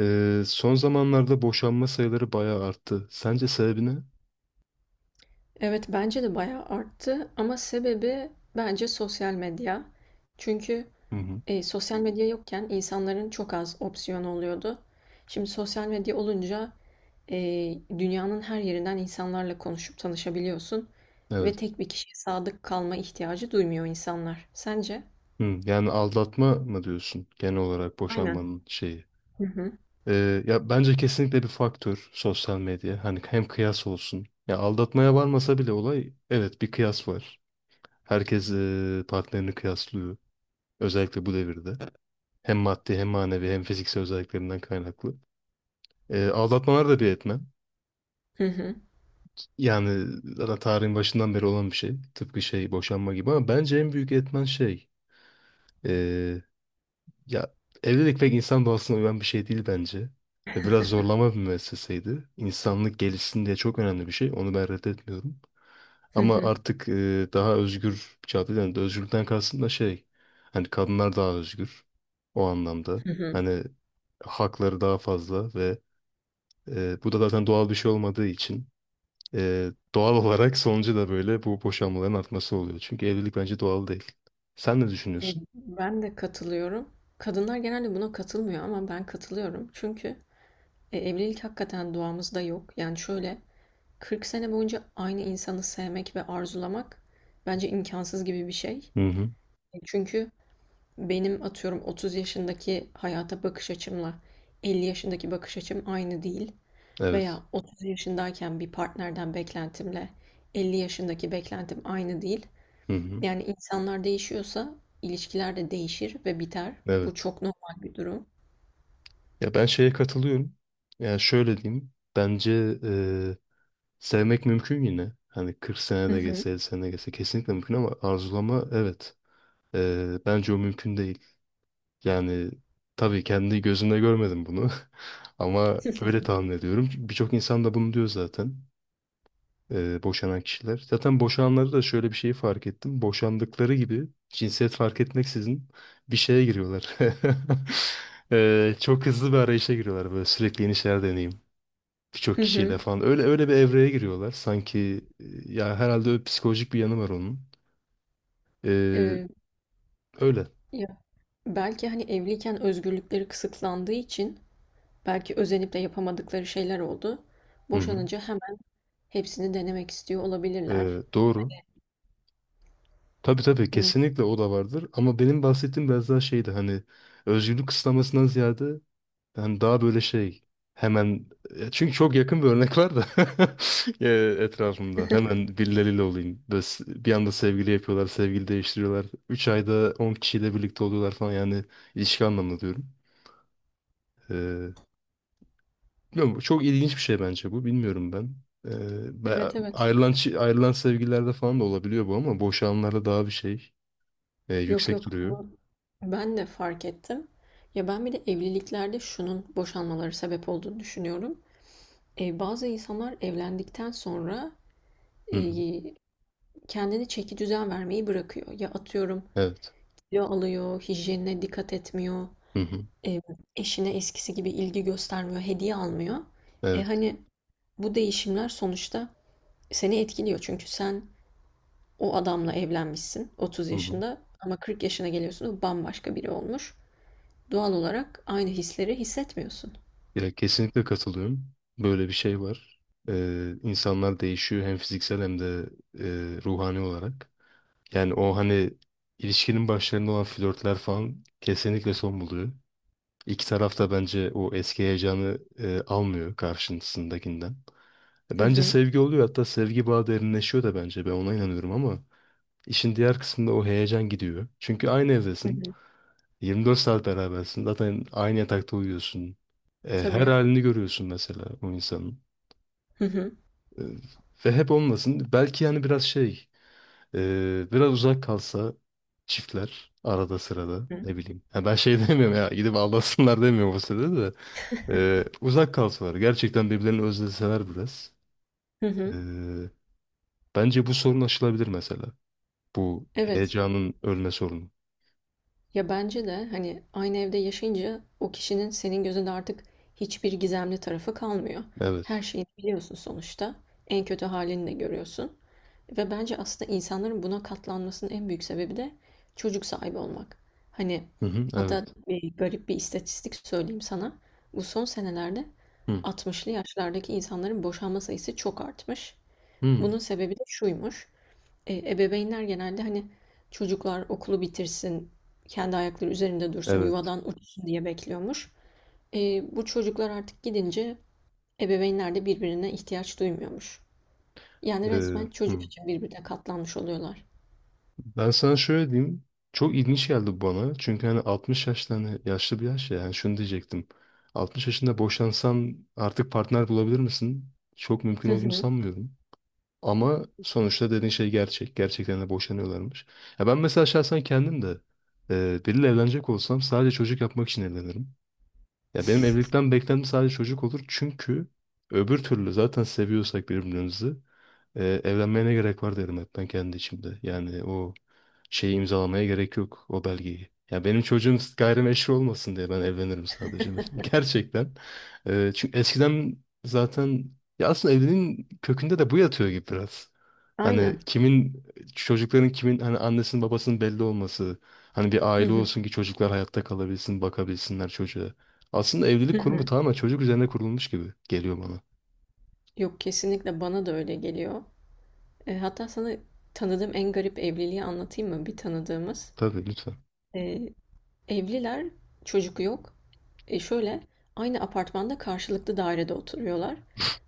Son zamanlarda boşanma sayıları bayağı arttı. Sence sebebi ne? Evet, bence de bayağı arttı ama sebebi bence sosyal medya. Çünkü Hı hı. Sosyal medya yokken insanların çok az opsiyonu oluyordu. Şimdi sosyal medya olunca dünyanın her yerinden insanlarla konuşup tanışabiliyorsun ve Evet. tek bir kişiye sadık kalma ihtiyacı duymuyor insanlar. Sence? Hı, yani aldatma mı diyorsun genel olarak Aynen. boşanmanın şeyi? Hı hı. Ya bence kesinlikle bir faktör sosyal medya. Hani hem kıyas olsun. Ya aldatmaya varmasa bile olay evet bir kıyas var. Herkes partnerini kıyaslıyor. Özellikle bu devirde. Hem maddi hem manevi hem fiziksel özelliklerinden kaynaklı. Aldatmalar da bir etmen. Hı hı. Yani zaten tarihin başından beri olan bir şey. Tıpkı şey boşanma gibi ama bence en büyük etmen şey. eee, Ya evlilik pek insan doğasına uyan bir şey değil bence. Ve biraz zorlama bir müesseseydi. İnsanlık gelişsin diye çok önemli bir şey. Onu ben reddetmiyorum. Hı Ama hı. artık daha özgür bir çağda, yani özgürlükten kastım da şey. Hani kadınlar daha özgür. O anlamda. Hı hı. Hani hakları daha fazla ve bu da zaten doğal bir şey olmadığı için. Doğal olarak sonucu da böyle bu boşanmaların artması oluyor. Çünkü evlilik bence doğal değil. Sen ne E, düşünüyorsun? ben de katılıyorum. Kadınlar genelde buna katılmıyor ama ben katılıyorum. Çünkü evlilik hakikaten duamızda yok. Yani şöyle, 40 sene boyunca aynı insanı sevmek ve arzulamak bence imkansız gibi bir şey. Hı hı. Çünkü benim atıyorum 30 yaşındaki hayata bakış açımla 50 yaşındaki bakış açım aynı değil. Evet. Veya 30 yaşındayken bir partnerden beklentimle 50 yaşındaki beklentim aynı değil. Hı hı. Yani insanlar değişiyorsa ilişkiler de değişir ve biter. Bu Evet. çok normal bir durum. Ya ben şeye katılıyorum. Yani şöyle diyeyim. Bence sevmek mümkün yine. Hani 40 sene Hı de hı. geçse, 50 sene de geçse kesinlikle mümkün ama arzulama evet. Bence o mümkün değil. Yani tabii kendi gözümle görmedim bunu. Ama öyle tahmin ediyorum. Birçok insan da bunu diyor zaten. Boşanan kişiler. Zaten boşananları da şöyle bir şeyi fark ettim. Boşandıkları gibi cinsiyet fark etmeksizin bir şeye giriyorlar. Çok hızlı bir arayışa giriyorlar, böyle sürekli yeni şeyler deneyim. Birçok Hı hı. kişiyle falan. Öyle öyle bir evreye giriyorlar. Sanki ya herhalde öyle psikolojik bir yanı var onun. E, E, Öyle. ya belki hani evliyken özgürlükleri kısıtlandığı için belki özenip de yapamadıkları şeyler oldu. Hı hı. Boşanınca hemen hepsini denemek istiyor olabilirler. Doğru. Tabii tabii Hmm, kesinlikle o da vardır. Ama benim bahsettiğim biraz daha şeydi, hani özgürlük kısıtlamasından ziyade ben daha böyle şey hemen, çünkü çok yakın bir örnek var da etrafımda. Hemen birileriyle olayım. Böyle bir anda sevgili yapıyorlar, sevgili değiştiriyorlar. 3 ayda 10 kişiyle birlikte oluyorlar falan, yani ilişki anlamında diyorum. E, Bilmiyorum, bu çok ilginç bir şey bence bu. Bilmiyorum ben. E, evet, evet. Ayrılan, ayrılan sevgililerde falan da olabiliyor bu ama boşananlarda daha bir şey Yok, yüksek yok. duruyor. Bunu ben de fark ettim. Ya ben bir de evliliklerde şunun boşanmaları sebep olduğunu düşünüyorum. Bazı insanlar evlendikten sonra Hı e, hı. kendini çeki düzen vermeyi bırakıyor. Ya atıyorum, Evet. kilo alıyor, hijyenine dikkat etmiyor. Hı hı. e, eşine eskisi gibi ilgi göstermiyor, hediye almıyor. E Evet. hani bu değişimler sonuçta seni etkiliyor. Çünkü sen o adamla evlenmişsin 30 Hı hı. yaşında ama 40 yaşına geliyorsun, o bambaşka biri olmuş. Doğal olarak aynı hisleri hissetmiyorsun. Ya kesinlikle katılıyorum. Böyle bir şey var. İnsanlar değişiyor hem fiziksel hem de ruhani olarak. Yani o hani ilişkinin başlarında olan flörtler falan kesinlikle son buluyor. İki taraf da bence o eski heyecanı almıyor karşısındakinden. Hı Bence hı, sevgi oluyor, hatta sevgi bağı derinleşiyor da, bence ben ona inanıyorum ama işin diğer kısmında o heyecan gidiyor. Çünkü aynı hı evdesin. hı. 24 saat berabersin. Zaten aynı yatakta uyuyorsun. Her Tabii. halini görüyorsun mesela o insanın. Hı hı, E, Ve hep olmasın. Belki yani biraz şey, biraz uzak kalsa çiftler arada sırada, hı hı. ne bileyim. Ha, ben şey demiyorum ya, gidip aldatsınlar demiyorum o sırada da. Uzak kalsalar. Gerçekten birbirlerini özleseler biraz. Hı E, hı. Bence bu sorun aşılabilir mesela. Bu Evet. heyecanın ölme sorunu. Ya bence de hani aynı evde yaşayınca o kişinin senin gözünde artık hiçbir gizemli tarafı kalmıyor. Her Evet. şeyini biliyorsun sonuçta. En kötü halini de görüyorsun. Ve bence aslında insanların buna katlanmasının en büyük sebebi de çocuk sahibi olmak. Hani Hı hı, hatta evet. bir garip bir istatistik söyleyeyim sana. Bu son senelerde Hı 60'lı yaşlardaki insanların boşanma sayısı çok artmış. hı, Bunun sebebi de şuymuş. Ebeveynler genelde hani çocuklar okulu bitirsin, kendi ayakları üzerinde dursun, evet. yuvadan uçsun diye bekliyormuş. Bu çocuklar artık gidince ebeveynler de birbirine ihtiyaç duymuyormuş. Yani E, resmen çocuk hı. için birbirine katlanmış oluyorlar. Ben sana şöyle diyeyim. Çok ilginç geldi bana. Çünkü hani 60 yaşta, hani yaşlı bir yaş ya. Yani şunu diyecektim. 60 yaşında boşansan artık partner bulabilir misin? Çok mümkün Hı olduğunu hı. sanmıyorum. Ama sonuçta dediğin şey gerçek. Gerçekten de boşanıyorlarmış. Ya ben mesela şahsen kendim de biriyle evlenecek olsam sadece çocuk yapmak için evlenirim. Ya benim evlilikten beklentim sadece çocuk olur. Çünkü öbür türlü zaten seviyorsak birbirimizi evlenmeye ne gerek var derim hep ben kendi içimde. Yani o şeyi imzalamaya gerek yok, o belgeyi. Ya benim çocuğum gayrimeşru olmasın diye ben evlenirim sadece mesela. Gerçekten. Çünkü eskiden zaten ya aslında evliliğin kökünde de bu yatıyor gibi biraz. Hani Aynen. kimin çocukların kimin hani annesinin babasının belli olması. Hani bir Hı aile hı. olsun ki çocuklar hayatta kalabilsin, bakabilsinler çocuğa. Aslında Hı evlilik kurumu hı. tamamen çocuk üzerine kurulmuş gibi geliyor bana. Yok, kesinlikle bana da öyle geliyor. Hatta sana tanıdığım en garip evliliği anlatayım mı? Bir tanıdığımız. Tabii, lütfen. E, Evliler, çocuk yok. Şöyle, aynı apartmanda karşılıklı dairede oturuyorlar.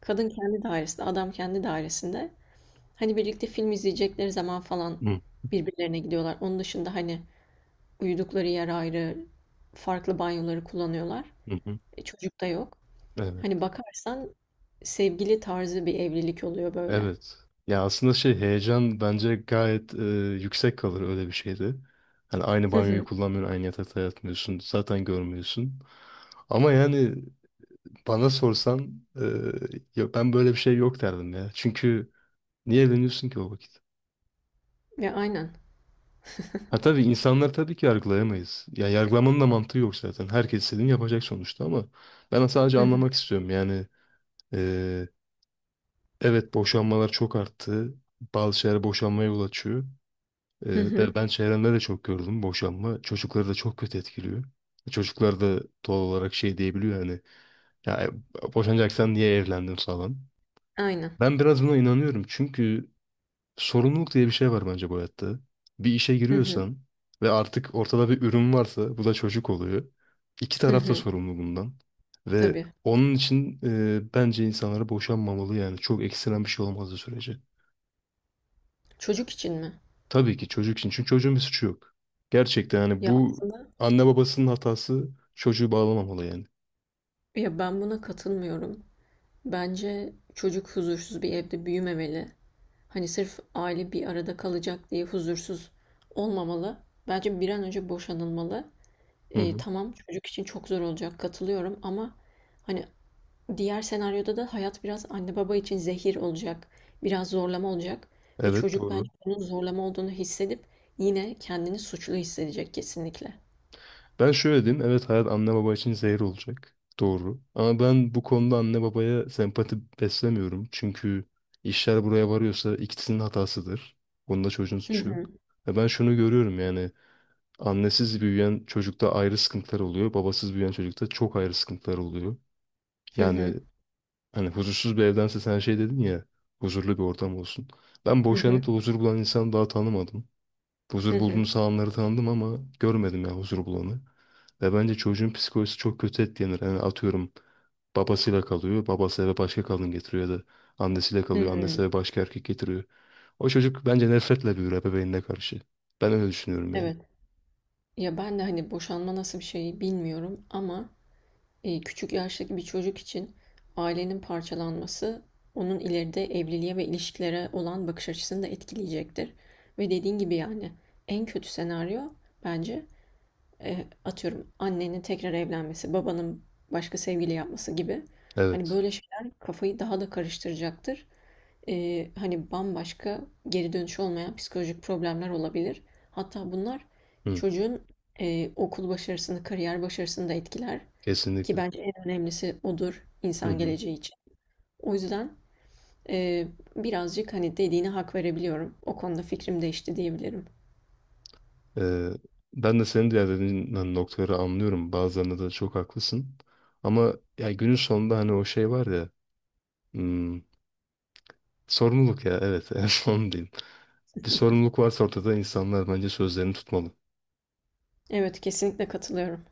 Kadın kendi dairesinde, adam kendi dairesinde. Hani birlikte film izleyecekleri zaman falan Hı, birbirlerine gidiyorlar. Onun dışında hani uyudukları yer ayrı, farklı banyoları kullanıyorlar. hı, hı. Çocuk da yok. Evet. Hani bakarsan sevgili tarzı bir evlilik oluyor böyle. Evet. Ya aslında şey, heyecan bence gayet yüksek kalır öyle bir şeyde. Hani aynı Hı banyoyu hı. kullanmıyorsun, aynı yatakta yatmıyorsun, zaten görmüyorsun. Ama yani bana sorsan ya ben böyle bir şey yok derdim ya. Çünkü niye evleniyorsun ki o vakit? Ya, aynen. Ha, tabii insanlar, tabii ki yargılayamayız. Ya yargılamanın da mantığı yok zaten. Herkes istediğini yapacak sonuçta ama ben sadece Hı hı. anlamak istiyorum. Yani e, evet, boşanmalar çok arttı. Bazı şeyler boşanmaya yol açıyor. Ee, Hı hı. Ve ben çevremde de çok gördüm boşanma. Çocukları da çok kötü etkiliyor. Çocuklar da doğal olarak şey diyebiliyor, hani ya boşanacaksan niye evlendin falan. Aynen. Ben biraz buna inanıyorum çünkü sorumluluk diye bir şey var bence bu hayatta. Bir işe Hı hı. giriyorsan ve artık ortada bir ürün varsa, bu da çocuk oluyor. İki Hı taraf da hı. sorumlu bundan. Ve Tabii. onun için bence insanlara boşanmamalı yani. Çok ekstrem bir şey olmadığı sürece. Çocuk için mi? Tabii ki çocuk için. Çünkü çocuğun bir suçu yok. Gerçekten hani Ya bu aslında. anne babasının hatası çocuğu bağlamamalı yani. Ya ben buna katılmıyorum. Bence çocuk huzursuz bir evde büyümemeli. Hani sırf aile bir arada kalacak diye huzursuz olmamalı. Bence bir an önce boşanılmalı. Hı E, hı. tamam çocuk için çok zor olacak katılıyorum ama hani diğer senaryoda da hayat biraz anne baba için zehir olacak. Biraz zorlama olacak ve Evet, çocuk bence doğru. bunun zorlama olduğunu hissedip yine kendini suçlu hissedecek kesinlikle. Ben şöyle diyeyim. Evet, hayat anne baba için zehir olacak. Doğru. Ama ben bu konuda anne babaya sempati beslemiyorum. Çünkü işler buraya varıyorsa ikisinin hatasıdır. Bunda çocuğun Hı suçu hı, yok. Ve ben şunu görüyorum, yani annesiz büyüyen çocukta ayrı sıkıntılar oluyor. Babasız büyüyen çocukta çok ayrı sıkıntılar oluyor. hı Yani hı, hani huzursuz bir evdense sen şey dedin ya, huzurlu bir ortam olsun. Ben hı boşanıp da huzur bulan insanı daha tanımadım. hı, Huzur hı. bulduğunu sağanları tanıdım ama görmedim ya, huzur bulanı. Ve bence çocuğun psikolojisi çok kötü etkilenir. Yani atıyorum babasıyla kalıyor, babası eve başka kadın getiriyor, ya da annesiyle kalıyor, annesi Hı. eve başka erkek getiriyor. O çocuk bence nefretle büyür ebeveynine karşı. Ben öyle düşünüyorum yani. Evet. Ya ben de hani boşanma nasıl bir şey bilmiyorum ama küçük yaştaki bir çocuk için ailenin parçalanması onun ileride evliliğe ve ilişkilere olan bakış açısını da etkileyecektir. Ve dediğin gibi, yani en kötü senaryo bence atıyorum annenin tekrar evlenmesi, babanın başka sevgili yapması gibi. Hani Evet. böyle şeyler kafayı daha da karıştıracaktır. Hani bambaşka, geri dönüşü olmayan psikolojik problemler olabilir. Hatta bunlar Hı, çocuğun okul başarısını, kariyer başarısını da etkiler. Ki kesinlikle. bence en önemlisi odur Hı insan hı. geleceği için. O yüzden e, birazcık hani dediğine hak verebiliyorum. O konuda fikrim değişti diyebilirim. Ee, Ben de senin diğer dediğin noktaları anlıyorum. Bazılarında da çok haklısın. Ama ya günün sonunda hani o şey var ya, hmm, sorumluluk ya, evet, en son diyeyim. Bir sorumluluk varsa ortada, insanlar bence sözlerini tutmalı. Evet, kesinlikle katılıyorum.